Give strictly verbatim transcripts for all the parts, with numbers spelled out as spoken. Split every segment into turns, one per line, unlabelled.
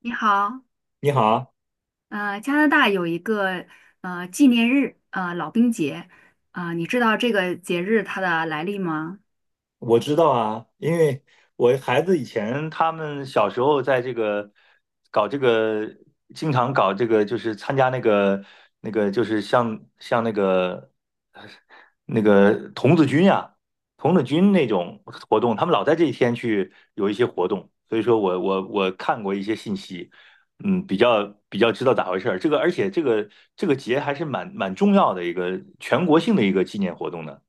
你好。
你好。
呃，加拿大有一个呃纪念日，呃，老兵节，啊、你知道这个节日它的来历吗？
我知道啊，因为我孩子以前他们小时候在这个搞这个，经常搞这个，就是参加那个那个，就是像像那个那个童子军呀、童子军那种活动，他们老在这一天去有一些活动，所以说我我我看过一些信息。嗯，比较比较知道咋回事儿。这个而且这个这个节还是蛮蛮重要的一个全国性的一个纪念活动呢。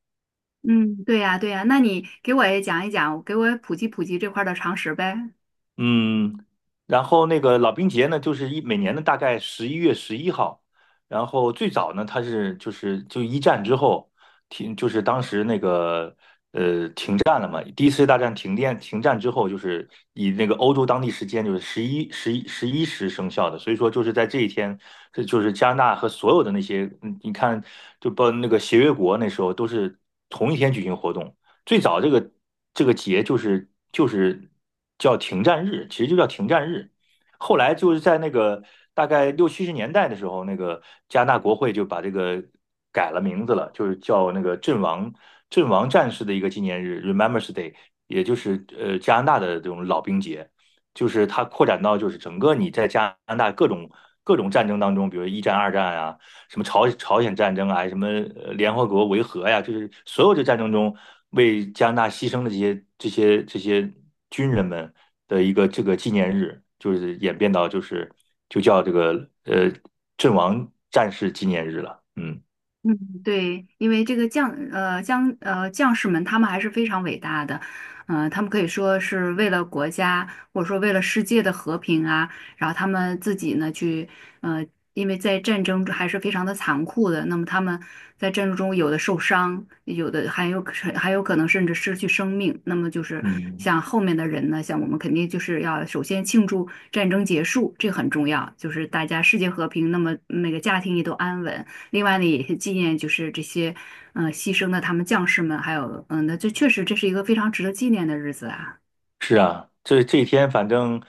嗯，对呀，对呀，那你给我也讲一讲，给我也普及普及这块儿的常识呗。
嗯，然后那个老兵节呢，就是一每年的大概十一月十一号，然后最早呢，它是就是就一战之后停，就是当时那个呃停战了嘛。第一次世界大战停电停战之后，就是以那个欧洲当地时间就是十一十一十一时生效的，所以说就是在这一天，这就是加拿大和所有的那些，嗯，你看就包括那个协约国那时候都是同一天举行活动。最早这个这个节就是就是叫停战日，其实就叫停战日。后来就是在那个大概六七十年代的时候，那个加拿大国会就把这个改了名字了，就是叫那个阵亡阵亡战士的一个纪念日 r e m e m b r a n Day),也就是呃加拿大的这种老兵节。就是它扩展到就是整个你在加拿大各种各种战争当中，比如一战、二战啊，什么朝朝鲜战争啊，什么呃联合国维和呀，就是所有的战争中为加拿大牺牲的这些这些这些军人们的一个这个纪念日，就是演变到就是就叫这个呃阵亡战士纪念日了。嗯。
嗯，对，因为这个将呃将呃将士们，他们还是非常伟大的，呃，他们可以说是为了国家或者说为了世界的和平啊，然后他们自己呢去呃，因为在战争中还是非常的残酷的，那么他们在战争中有的受伤，有的还有还有可能甚至失去生命，那么就是
嗯，
像后面的人呢，像我们肯定就是要首先庆祝战争结束，这个很重要，就是大家世界和平，那么那个家庭也都安稳。另外呢，也是纪念就是这些嗯、呃牺牲的他们将士们，还有嗯，那这确实这是一个非常值得纪念的日子啊。
是啊，这这一天反正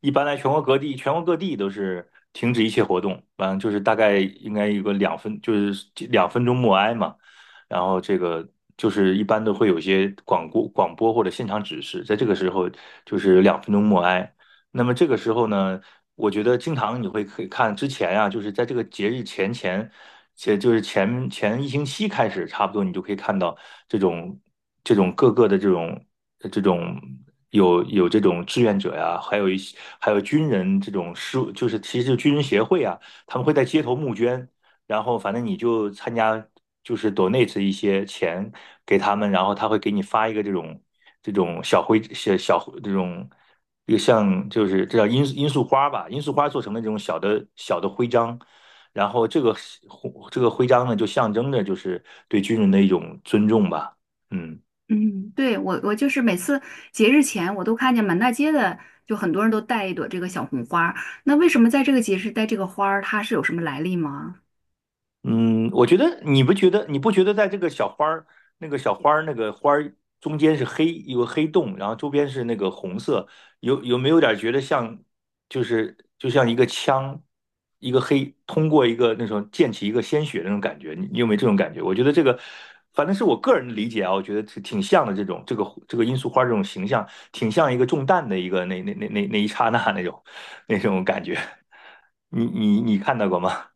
一般来全国各地，全国各地都是停止一切活动，完了就是大概应该有个两分，就是两分钟默哀嘛。然后这个就是一般都会有些广播、广播或者现场指示，在这个时候就是两分钟默哀。那么这个时候呢？我觉得经常你会可以看之前啊，就是在这个节日前前，且就是前前一星期开始，差不多你就可以看到这种这种各个的这种呃这种有有这种志愿者呀，还有一些还有军人这种事务就是其实军人协会啊，他们会在街头募捐，然后反正你就参加就是 donate 一些钱给他们，然后他会给你发一个这种这种小徽小小这种。这个像就是这叫罂罂粟花吧，罂粟花做成的这种小的小的徽章，然后这个徽这个徽章呢，就象征着就是对军人的一种尊重吧，嗯。
嗯，对，我我就是每次节日前，我都看见满大街的，就很多人都带一朵这个小红花儿。那为什么在这个节日带这个花儿，它是有什么来历吗？
嗯，我觉得你不觉得你不觉得在这个小花儿那个小花儿那个花儿中间是黑有个黑洞，然后周边是那个红色，有有没有点觉得像就是就像一个枪，一个黑通过一个那种溅起一个鲜血那种感觉？你你有没有这种感觉？我觉得这个反正是我个人的理解啊，我觉得挺挺像的这种这个这个罂粟花这种形象，挺像一个中弹的一个那那那那那一刹那那种那种感觉。你你你看到过吗？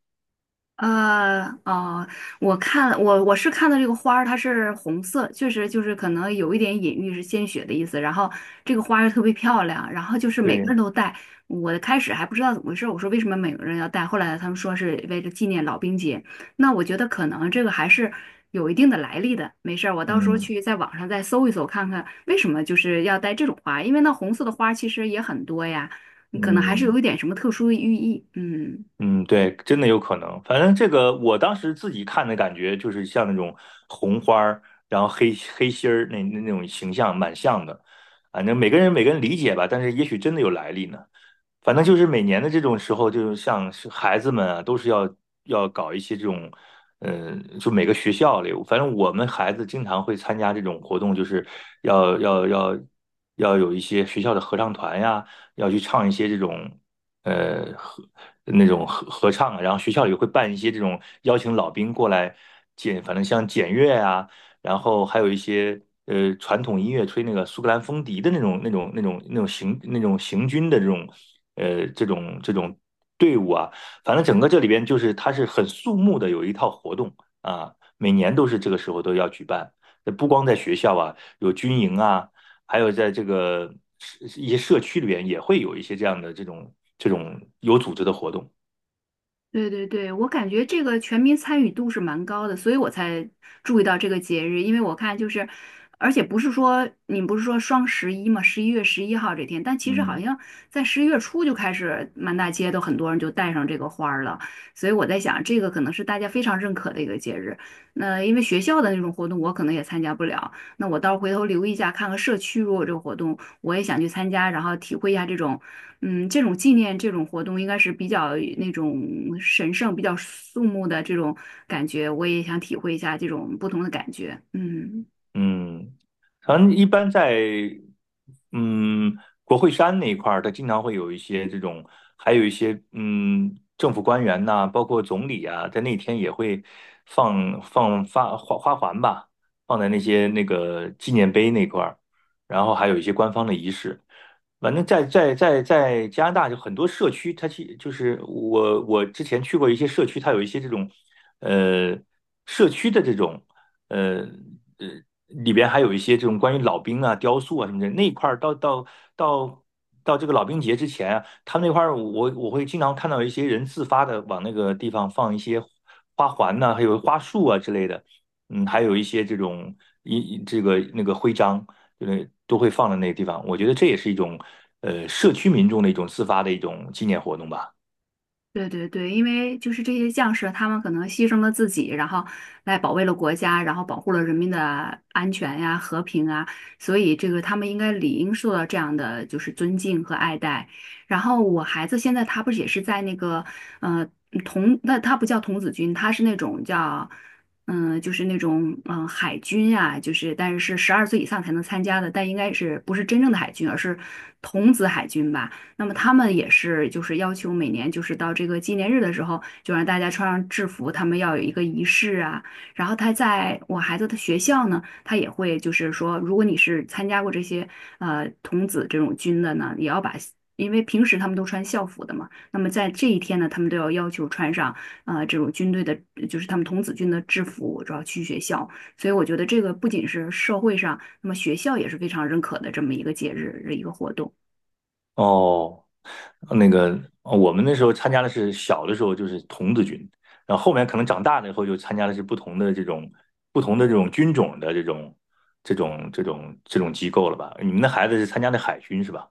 呃，哦，我看我我是看到这个花儿，它是红色，确实就是可能有一点隐喻是鲜血的意思。然后这个花儿特别漂亮，然后就是每个
对。
人都戴。我开始还不知道怎么回事，我说为什么每个人要戴？后来他们说是为了纪念老兵节。那我觉得可能这个还是有一定的来历的。没事儿我到时候
嗯
去在网上再搜一搜，看看为什么就是要戴这种花，因为那红色的花其实也很多呀，嗯可能还是
嗯
有一点什么特殊的寓意。嗯。
嗯，对，真的有可能。反正这个我当时自己看的感觉，就是像那种红花儿，然后黑黑心儿那那那种形象，蛮像的。反正每个人每个人理解吧，但是也许真的有来历呢。反正就是每年的这种时候，就是像是孩子们啊，都是要要搞一些这种，嗯，就每个学校里，反正我们孩子经常会参加这种活动，就是要要要要有一些学校的合唱团呀，要去唱一些这种呃合那种合合唱啊，然后学校里会办一些这种邀请老兵过来检，反正像检阅啊，然后还有一些呃传统音乐，吹那个苏格兰风笛的那种那种那种那种行那种行军的这种。呃这种这种队伍啊，反正整个这里边就是它是很肃穆的，有一套活动啊，每年都是这个时候都要举办。呃不光在学校啊，有军营啊，还有在这个一些社区里边也会有一些这样的这种这种有组织的活动。
对对对，我感觉这个全民参与度是蛮高的，所以我才注意到这个节日。因为我看就是，而且不是说你不是说双十一嘛，十一月十一号这天，但其实好
嗯。
像在十一月初就开始，满大街都很多人就带上这个花儿了。所以我在想，这个可能是大家非常认可的一个节日。那因为学校的那种活动，我可能也参加不了。那我到时候回头留意一下，看看社区如果有这个活动，我也想去参加，然后体会一下这种嗯，这种纪念这种活动应该是比较那种神圣、比较肃穆的这种感觉，我也想体会一下这种不同的感觉。嗯。
嗯，反正一般在嗯国会山那一块儿，它经常会有一些这种，还有一些嗯政府官员呐、包括总理啊，在那天也会放放发花花环吧，放在那些那个纪念碑那块儿，然后还有一些官方的仪式。反正在在在在加拿大就很多社区，它其就是我我之前去过一些社区，它有一些这种呃社区的这种呃呃里边还有一些这种关于老兵啊、雕塑啊什么的那一块儿，到到到到这个老兵节之前啊，他们那块儿我我会经常看到一些人自发的往那个地方放一些花环呐、还有花束啊之类的。嗯，还有一些这种一这个那个徽章，就是都会放在那个地方。我觉得这也是一种呃社区民众的一种自发的一种纪念活动吧。
对对对，因为就是这些将士，他们可能牺牲了自己，然后来保卫了国家，然后保护了人民的安全呀、和平啊，所以这个他们应该理应受到这样的就是尊敬和爱戴。然后我孩子现在他不是也是在那个呃童，那他不叫童子军，他是那种叫嗯、呃就是那种嗯、呃海军啊，就是但是是十二岁以上才能参加的，但应该是不是真正的海军，而是童子海军吧。那么他们也是就是要求每年就是到这个纪念日的时候，就让大家穿上制服，他们要有一个仪式啊。然后他在我孩子的学校呢，他也会就是说，如果你是参加过这些呃童子这种军的呢，也要把。因为平时他们都穿校服的嘛，那么在这一天呢，他们都要要求穿上呃这种军队的，就是他们童子军的制服，主要去学校。所以我觉得这个不仅是社会上，那么学校也是非常认可的这么一个节日，的一个活动。
哦，那个呃我们那时候参加的是小的时候就是童子军，然后后面可能长大了以后就参加的是不同的这种不同的这种军种的这种这种这种这种机构了吧？你们的孩子是参加的海军是吧？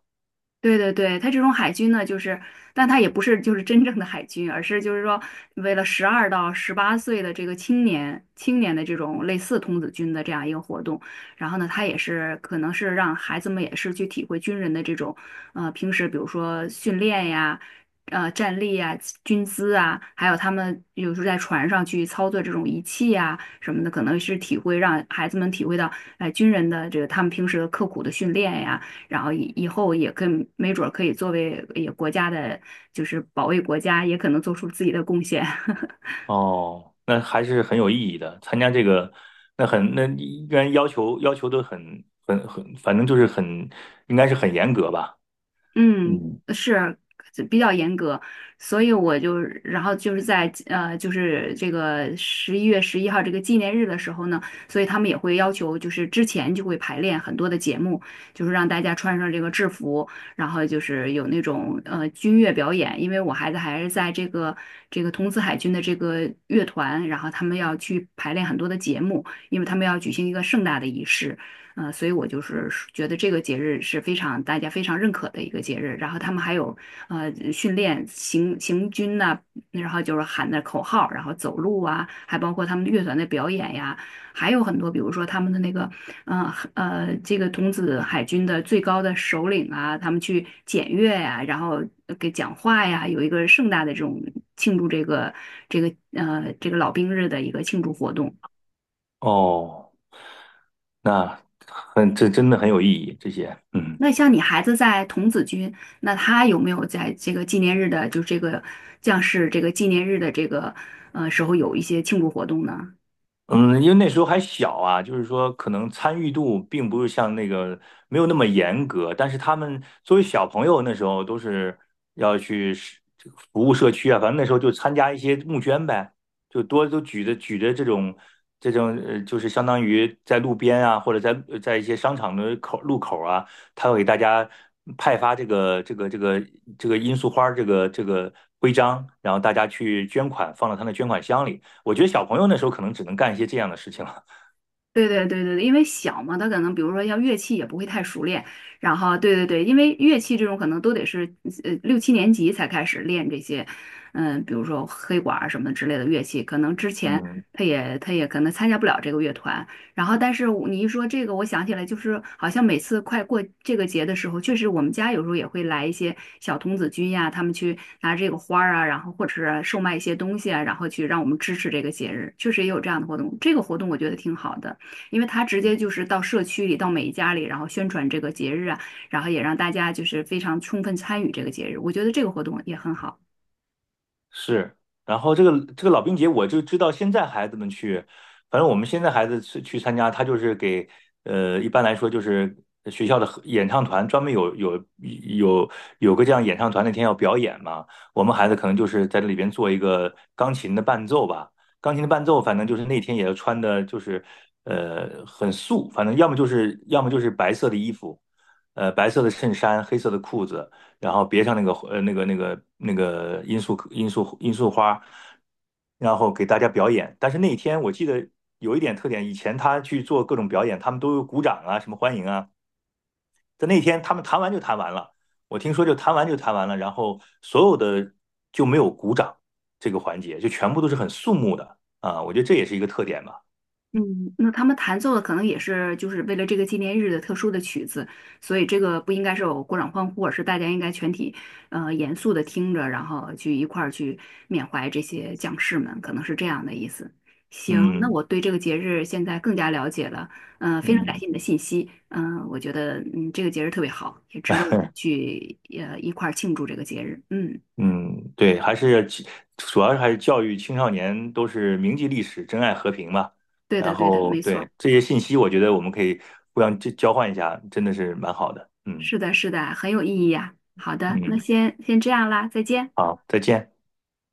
对对对，他这种海军呢，就是，但他也不是就是真正的海军，而是就是说，为了十二到十八岁的这个青年青年的这种类似童子军的这样一个活动，然后呢，他也是可能是让孩子们也是去体会军人的这种，呃，平时比如说训练呀，呃，站立呀，军姿啊，还有他们有时候在船上去操作这种仪器呀什么的，可能是体会让孩子们体会到，哎、军人的这个他们平时的刻苦的训练呀。然后以以后也更没准儿可以作为也国家的，就是保卫国家，也可能做出自己的贡献。
哦，那还是很有意义的。参加这个，那很那应该要求要求都很很很，反正就是很应该是很严格吧。
嗯，
嗯。
是比较严格，所以我就，然后就是在呃，就是这个十一月十一号这个纪念日的时候呢，所以他们也会要求，就是之前就会排练很多的节目，就是让大家穿上这个制服，然后就是有那种呃军乐表演，因为我孩子还是在这个这个童子海军的这个乐团，然后他们要去排练很多的节目，因为他们要举行一个盛大的仪式。嗯、所以我就是觉得这个节日是非常大家非常认可的一个节日。然后他们还有呃训练行行军呐、然后就是喊的口号，然后走路啊，还包括他们乐团的表演呀，还有很多，比如说他们的那个呃呃这个童子海军的最高的首领啊，他们去检阅呀、然后呃给讲话呀，有一个盛大的这种庆祝这个这个呃这个老兵日的一个庆祝活动。
哦，那很这真的很有意义，这些嗯。
那像你孩子在童子军，那他有没有在这个纪念日的，就这个将士这个纪念日的这个呃时候有一些庆祝活动呢？
嗯，因为那时候还小啊，就是说可能参与度并不是像那个没有那么严格，但是他们作为小朋友那时候都是要去是服务社区啊，反正那时候就参加一些募捐呗，就多都举着举着这种这种呃，就是相当于在路边啊，或者在呃在一些商场的口路口啊，他会给大家派发这个这个这个这个罂粟花儿这个这个徽章，然后大家去捐款，放到他的捐款箱里。我觉得小朋友那时候可能只能干一些这样的事情了。
对对对对对，因为小嘛，他可能比如说像乐器也不会太熟练，然后对对对，因为乐器这种可能都得是呃六七年级才开始练这些，嗯，比如说黑管儿什么之类的乐器，可能之前
嗯，
他也他也可能参加不了这个乐团，然后但是我你一说这个，我想起来就是好像每次快过这个节的时候，确实我们家有时候也会来一些小童子军呀，他们去拿这个花儿啊，然后或者是售卖一些东西啊，然后去让我们支持这个节日，确实也有这样的活动，这个活动我觉得挺好的。因为他直接就是到社区里，到每一家里，然后宣传这个节日啊，然后也让大家就是非常充分参与这个节日，我觉得这个活动也很好。
是。然后这个这个老兵节，我就知道现在孩子们去，反正我们现在孩子去去参加，他就是给呃，一般来说就是学校的合演唱团专门有有有有个这样演唱团那天要表演嘛，我们孩子可能就是在这里边做一个钢琴的伴奏吧。钢琴的伴奏，反正就是那天也要穿的，就是呃很素，反正要么就是要么就是白色的衣服，呃白色的衬衫，黑色的裤子，然后别上那个呃那个那个那个罂粟罂粟罂粟花，然后给大家表演。但是那一天我记得有一点特点，以前他去做各种表演，他们都有鼓掌啊，什么欢迎啊。在那天他们弹完就弹完了，我听说就弹完就弹完了，然后所有的就没有鼓掌这个环节，就全部都是很肃穆的啊。我觉得这也是一个特点吧。
嗯，那他们弹奏的可能也是就是为了这个纪念日的特殊的曲子，所以这个不应该是有鼓掌欢呼，而是大家应该全体呃严肃的听着，然后去一块儿去缅怀这些将士们，可能是这样的意思。行，那
嗯。
我对这个节日现在更加了解了，嗯，非常感
嗯，
谢你的信息，嗯、我觉得嗯这个节日特别好，也值得我们 去呃一块儿庆祝这个节日。嗯，
嗯，对，还是其主要是还是教育青少年都是铭记历史、珍爱和平嘛。
对
然
的对的，
后
没错，
对这些信息，我觉得我们可以互相交交换一下，真的是蛮好的。嗯。
是的是的，很有意义呀、好的，那
嗯，
先先这样啦，再见。
好，再见。